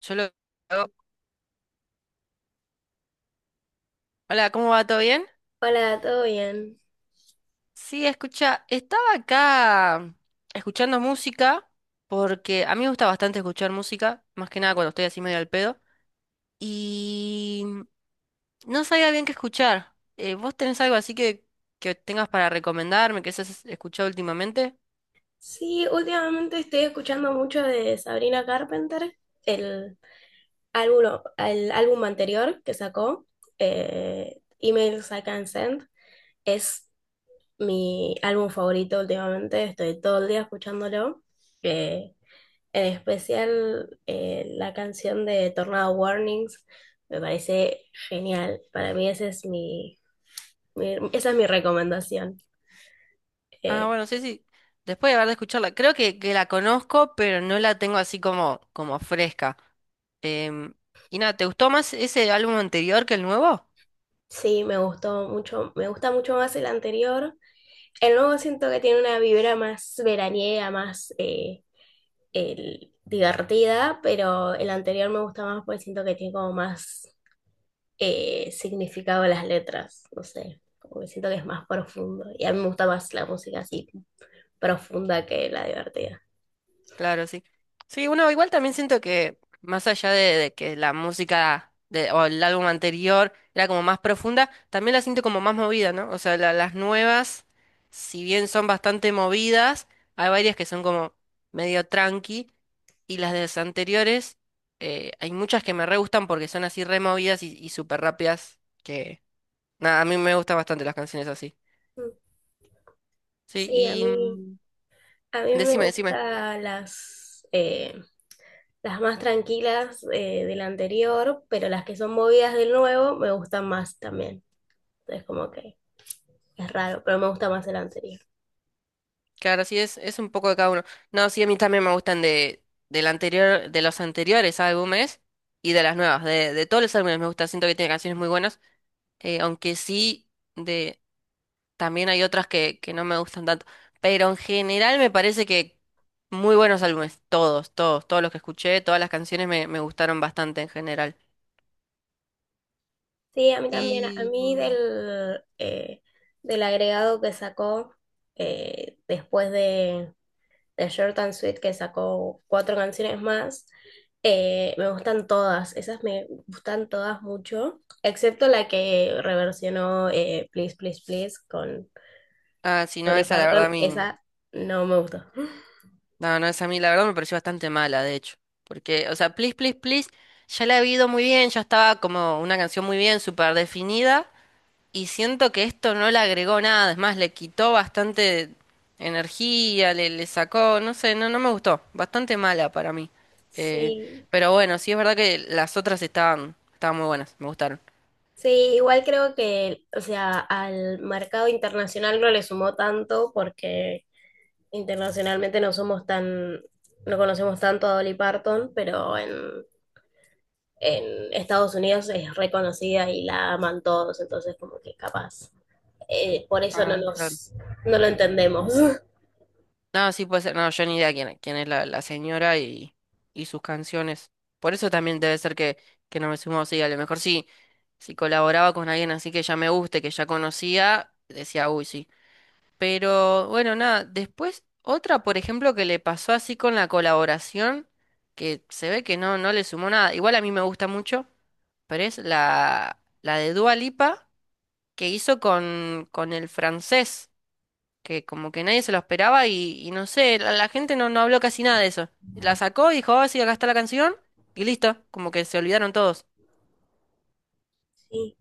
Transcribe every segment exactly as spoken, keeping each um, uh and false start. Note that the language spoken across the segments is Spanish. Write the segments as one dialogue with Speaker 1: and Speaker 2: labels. Speaker 1: Yo lo hago. Hola, ¿cómo va? ¿Todo bien?
Speaker 2: Hola, ¿todo bien?
Speaker 1: Sí, escucha, estaba acá escuchando música porque a mí me gusta bastante escuchar música, más que nada cuando estoy así medio al pedo, y no sabía bien qué escuchar. Eh, ¿vos tenés algo así que, que tengas para recomendarme, que hayas escuchado últimamente?
Speaker 2: Sí, últimamente estoy escuchando mucho de Sabrina Carpenter, el álbum, el álbum anterior que sacó, eh, Emails I Can Send. Es mi álbum favorito últimamente, estoy todo el día escuchándolo. Eh, en especial eh, la canción de Tornado Warnings me parece genial. Para mí esa es mi, mi- esa es mi recomendación.
Speaker 1: Ah,
Speaker 2: eh,
Speaker 1: bueno, sí, sí. Después de haber de escucharla, creo que, que la conozco, pero no la tengo así como, como fresca. Em, y nada, ¿te gustó más ese álbum anterior que el nuevo?
Speaker 2: Sí, me gustó mucho, me gusta mucho más el anterior. El nuevo siento que tiene una vibra más veraniega, más eh, el- divertida, pero el anterior me gusta más porque siento que tiene como más eh, significado las letras, no sé, como que siento que es más profundo. Y a mí me gusta más la música así profunda que la divertida.
Speaker 1: Claro, sí. Sí, bueno, igual también siento que más allá de, de que la música de, o el álbum anterior era como más profunda, también la siento como más movida, ¿no? O sea, la- las nuevas, si bien son bastante movidas, hay varias que son como medio tranqui, y las de las anteriores, eh, hay muchas que me re gustan porque son así re movidas y, y súper rápidas, que nada, a mí me gustan bastante las canciones así.
Speaker 2: Mm.
Speaker 1: Sí,
Speaker 2: Sí, a
Speaker 1: y
Speaker 2: mí,
Speaker 1: mm,
Speaker 2: a mí me
Speaker 1: decime, decime.
Speaker 2: gustan las, eh, Las más tranquilas eh, del anterior, pero las que son movidas del nuevo me gustan más también. Entonces, como que es raro, pero me gusta más el anterior.
Speaker 1: Claro, sí, es, es un poco de cada uno. No, sí, a mí también me gustan de, del anterior, de los anteriores álbumes y de las nuevas. De, de todos los álbumes me gusta, siento que tiene canciones muy buenas. Eh, aunque sí, de, también hay otras que, que no me gustan tanto. Pero en general me parece que muy buenos álbumes. Todos, todos, todos los que escuché, todas las canciones me, me gustaron bastante en general.
Speaker 2: Sí, a mí también. A
Speaker 1: Y...
Speaker 2: mí
Speaker 1: mm,
Speaker 2: del, eh, del agregado que sacó eh, después de, de Short and Sweet, que sacó cuatro canciones más, eh, me gustan todas. Esas me gustan todas mucho, excepto la que reversionó eh, Please, Please, Please con
Speaker 1: Ah, sí, no,
Speaker 2: Dolly
Speaker 1: esa la verdad a
Speaker 2: Parton.
Speaker 1: mí.
Speaker 2: Esa no me gustó.
Speaker 1: No, no, esa a mí la verdad me pareció bastante mala, de hecho. Porque, o sea, Please, Please, Please, ya la he oído muy bien, ya estaba como una canción muy bien, súper definida. Y siento que esto no le agregó nada, es más, le quitó bastante energía, le, le sacó, no sé, no, no me gustó. Bastante mala para mí. Eh,
Speaker 2: Sí,
Speaker 1: pero bueno, sí es verdad que las otras estaban, estaban muy buenas, me gustaron.
Speaker 2: sí, igual creo que, o sea, al mercado internacional no le sumó tanto porque internacionalmente no somos tan, no conocemos tanto a Dolly Parton, pero en, en Estados Unidos es reconocida y la aman todos, entonces como que capaz, eh, por eso no
Speaker 1: Ah, claro.
Speaker 2: nos, no lo entendemos.
Speaker 1: No, sí puede ser. No, yo ni idea quién, quién es la, la señora y, y sus canciones. Por eso también debe ser que, que no me sumo. Sí, a lo mejor sí, si colaboraba con alguien así que ya me guste, que ya conocía, decía, uy, sí. Pero bueno, nada. Después, otra, por ejemplo, que le pasó así con la colaboración, que se ve que no, no le sumó nada. Igual a mí me gusta mucho, pero es la, la de Dua Lipa que hizo con, con el francés que como que nadie se lo esperaba y, y no sé, la, la gente no, no habló casi nada de eso. La sacó y dijo, ah, sí, acá está la canción y listo, como que se olvidaron todos.
Speaker 2: Sí.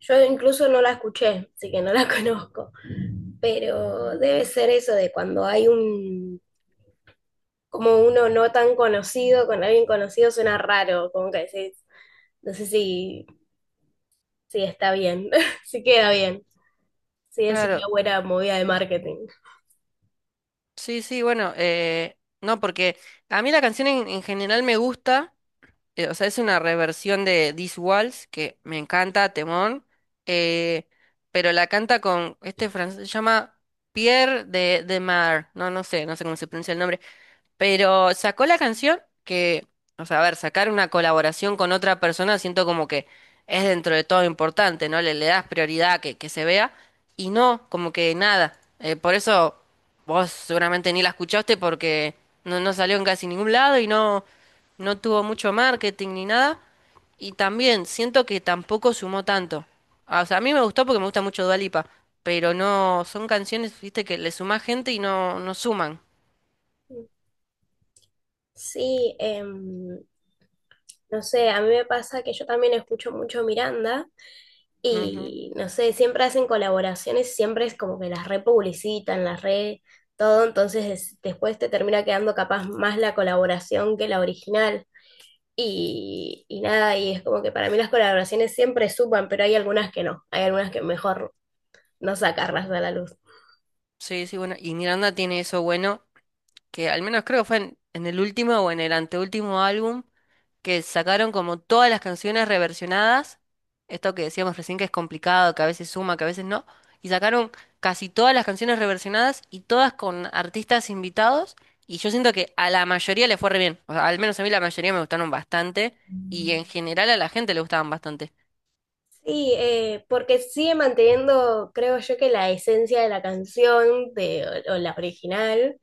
Speaker 2: Yo incluso no la escuché, así que no la conozco, pero
Speaker 1: Mm.
Speaker 2: debe ser eso de cuando hay un como uno no tan conocido, con alguien conocido suena raro, como que decís, no sé si, si está bien, si queda bien, si es
Speaker 1: Claro,
Speaker 2: una buena movida de marketing.
Speaker 1: sí, sí, bueno, eh, no, porque a mí la canción en, en general me gusta, eh, o sea, es una reversión de This Waltz, que me encanta, temón, eh, pero la canta con este francés, se llama Pierre de, de Mar, no, no sé, no sé cómo se pronuncia el nombre. Pero sacó la canción que, o sea, a ver, sacar una colaboración con otra persona siento como que es dentro de todo importante, ¿no? Le, le das prioridad a que, que se vea y no, como que nada. Eh, por eso vos seguramente ni la escuchaste porque no, no salió en casi ningún lado y no, no tuvo mucho marketing ni nada. Y también siento que tampoco sumó tanto. Ah, o sea, a mí me gustó porque me gusta mucho Dua Lipa, pero no, son canciones, viste, que le suma gente y no, no suman.
Speaker 2: Sí, em, no sé, a mí me pasa que yo también escucho mucho Miranda
Speaker 1: Ujú.
Speaker 2: y no sé, siempre hacen colaboraciones, siempre es como que las republicitan, las re todo, entonces es- después te termina quedando capaz más la colaboración que la original. Y, y nada, y es como que para mí las colaboraciones siempre suman, pero hay algunas que no, hay algunas que mejor no sacarlas a la luz.
Speaker 1: Sí, sí, bueno. Y Miranda tiene eso bueno, que al menos creo que fue en, en el último o en el anteúltimo álbum, que sacaron como todas las canciones reversionadas. Esto que decíamos recién que es complicado, que a veces suma, que a veces no. Y sacaron casi todas las canciones reversionadas y todas con artistas invitados. Y yo siento que a la mayoría le fue re bien. O sea, al menos a mí la mayoría me gustaron bastante. Y en general a la gente le gustaban bastante.
Speaker 2: Sí, eh, porque sigue manteniendo, creo yo, que la esencia de la canción de, o, o la original,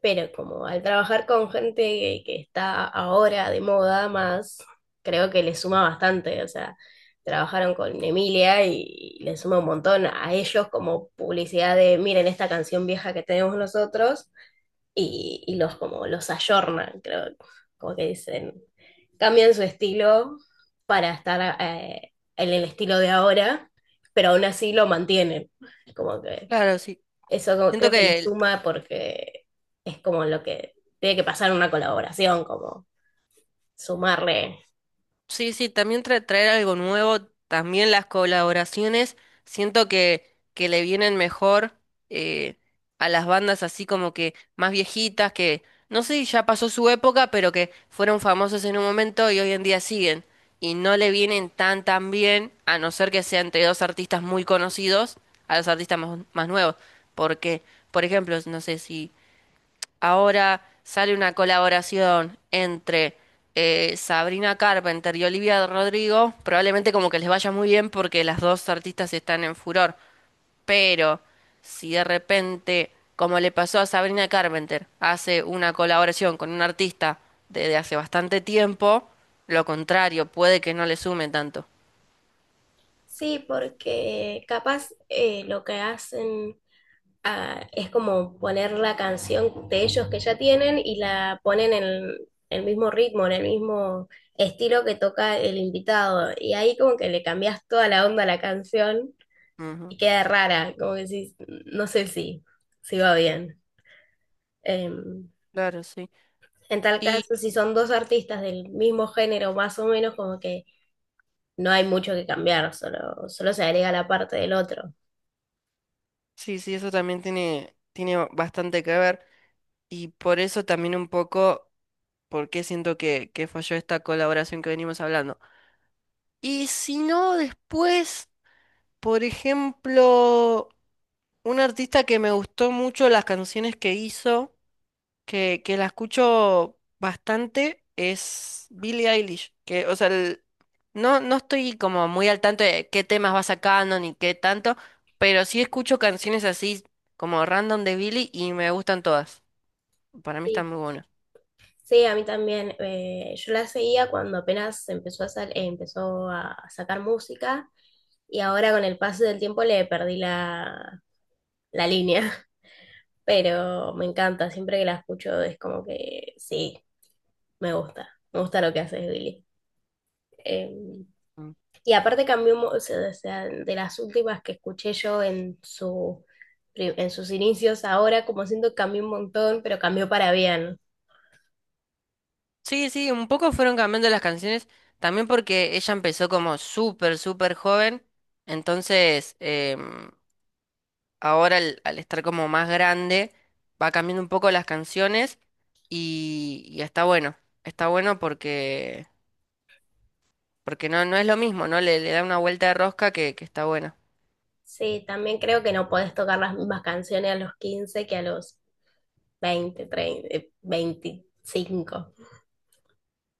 Speaker 2: pero como al trabajar con gente que, que está ahora de moda más, creo que le suma bastante, o sea, trabajaron con Emilia y le suma un montón a ellos como publicidad de, miren esta canción vieja que tenemos nosotros y, y los como los ayornan, creo, como que dicen, cambian su estilo para estar eh, en el estilo de ahora, pero aún así lo mantienen. Como que
Speaker 1: Claro, sí.
Speaker 2: eso como-
Speaker 1: Siento
Speaker 2: creo que le
Speaker 1: que
Speaker 2: suma porque es como lo que tiene que pasar en una colaboración, como sumarle.
Speaker 1: sí, sí, también tra- traer algo nuevo, también las colaboraciones, siento que, que le vienen mejor eh, a las bandas así como que más viejitas, que no sé, si ya pasó su época, pero que fueron famosos en un momento y hoy en día siguen. Y no le vienen tan tan bien, a no ser que sea entre dos artistas muy conocidos, a los artistas más, más nuevos. Porque, por ejemplo, no sé si... Ahora sale una colaboración entre eh, Sabrina Carpenter y Olivia Rodrigo. Probablemente como que les vaya muy bien porque las dos artistas están en furor. Pero si de repente, como le pasó a Sabrina Carpenter, hace una colaboración con un artista desde hace bastante tiempo, lo contrario, puede que no le sume tanto.
Speaker 2: Sí, porque capaz eh, lo que hacen ah, es como poner la canción de ellos que ya tienen y la ponen en el mismo ritmo, en el mismo estilo que toca el invitado. Y ahí como que le cambias toda la onda a la canción
Speaker 1: Ujú.
Speaker 2: y queda rara, como que sí no sé si, si va bien. Em,
Speaker 1: Claro, sí.
Speaker 2: en tal
Speaker 1: Y
Speaker 2: caso, si son dos artistas del mismo género, más o menos, como que no hay mucho que cambiar, solo, solo se agrega la parte del otro.
Speaker 1: sí, sí, eso también tiene, tiene bastante que ver. Y por eso también un poco por qué siento que, que falló esta colaboración que venimos hablando. Y si no, después, por ejemplo, un artista que me gustó mucho las canciones que hizo, que, que la escucho bastante, es Billie Eilish. Que, o sea, el- no, no estoy como muy al tanto de qué temas va sacando ni qué tanto, pero sí escucho canciones así como random de Billie y me gustan todas. Para mí están
Speaker 2: Sí.
Speaker 1: muy buenas.
Speaker 2: Sí, a mí también. eh, yo la seguía cuando apenas empezó a, sal- eh, empezó a sacar música y ahora con el paso del tiempo le perdí la, la línea, pero me encanta, siempre que la escucho es como que sí, me gusta, me gusta lo que hace Billy. Eh, y aparte cambió, mu- o sea, o sea, de las últimas que escuché yo en su, pri- en sus inicios, ahora como siento que cambió un montón, pero cambió para bien.
Speaker 1: Sí, sí, un poco fueron cambiando las canciones, también porque ella empezó como súper, súper joven, entonces em, ahora al, al estar como más grande va cambiando un poco las canciones y, y está bueno, está bueno porque, porque no, no es lo mismo, ¿no? Le, le da una vuelta de rosca que, que está bueno.
Speaker 2: Sí, también creo que no podés tocar las mismas canciones a los quince que a los veinte treinta eh, veinticinco.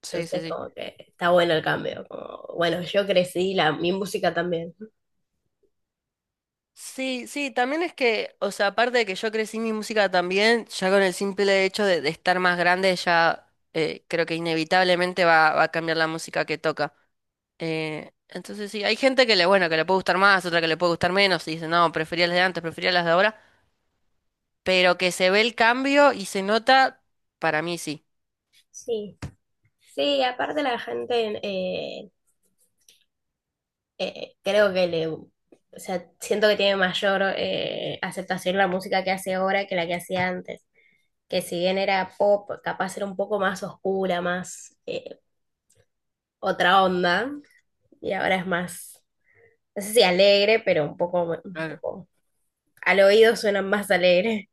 Speaker 1: Sí, sí,
Speaker 2: Entonces,
Speaker 1: sí.
Speaker 2: como que está bueno el cambio. como, bueno, yo crecí, la, mi música también.
Speaker 1: Sí, sí, también es que, o sea, aparte de que yo crecí mi música también, ya con el simple hecho de, de estar más grande, ya eh, creo que inevitablemente va, va a cambiar la música que toca. Eh, entonces sí, hay gente que le, bueno, que le puede gustar más, otra que le puede gustar menos, y dice, no, prefería las de antes, prefería las de ahora, pero que se ve el cambio y se nota, para mí sí.
Speaker 2: Sí, sí, aparte la gente, eh, eh, creo que le, o sea, siento que tiene mayor eh, aceptación la música que hace ahora que la que hacía antes. Que si bien era pop, capaz era un poco más oscura, más eh, otra onda, y ahora es más no sé si alegre, pero un poco, un
Speaker 1: Claro,
Speaker 2: poco al oído suena más alegre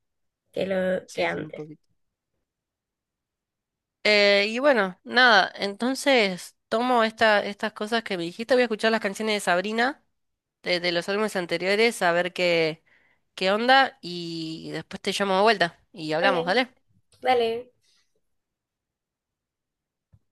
Speaker 2: que lo que
Speaker 1: sí, sí, un
Speaker 2: antes.
Speaker 1: poquito. Eh, y bueno, nada, entonces tomo esta, estas cosas que me dijiste, voy a escuchar las canciones de Sabrina, de, de los álbumes anteriores a ver qué, qué onda y después te llamo de vuelta y hablamos,
Speaker 2: Dale,
Speaker 1: ¿dale?
Speaker 2: dale.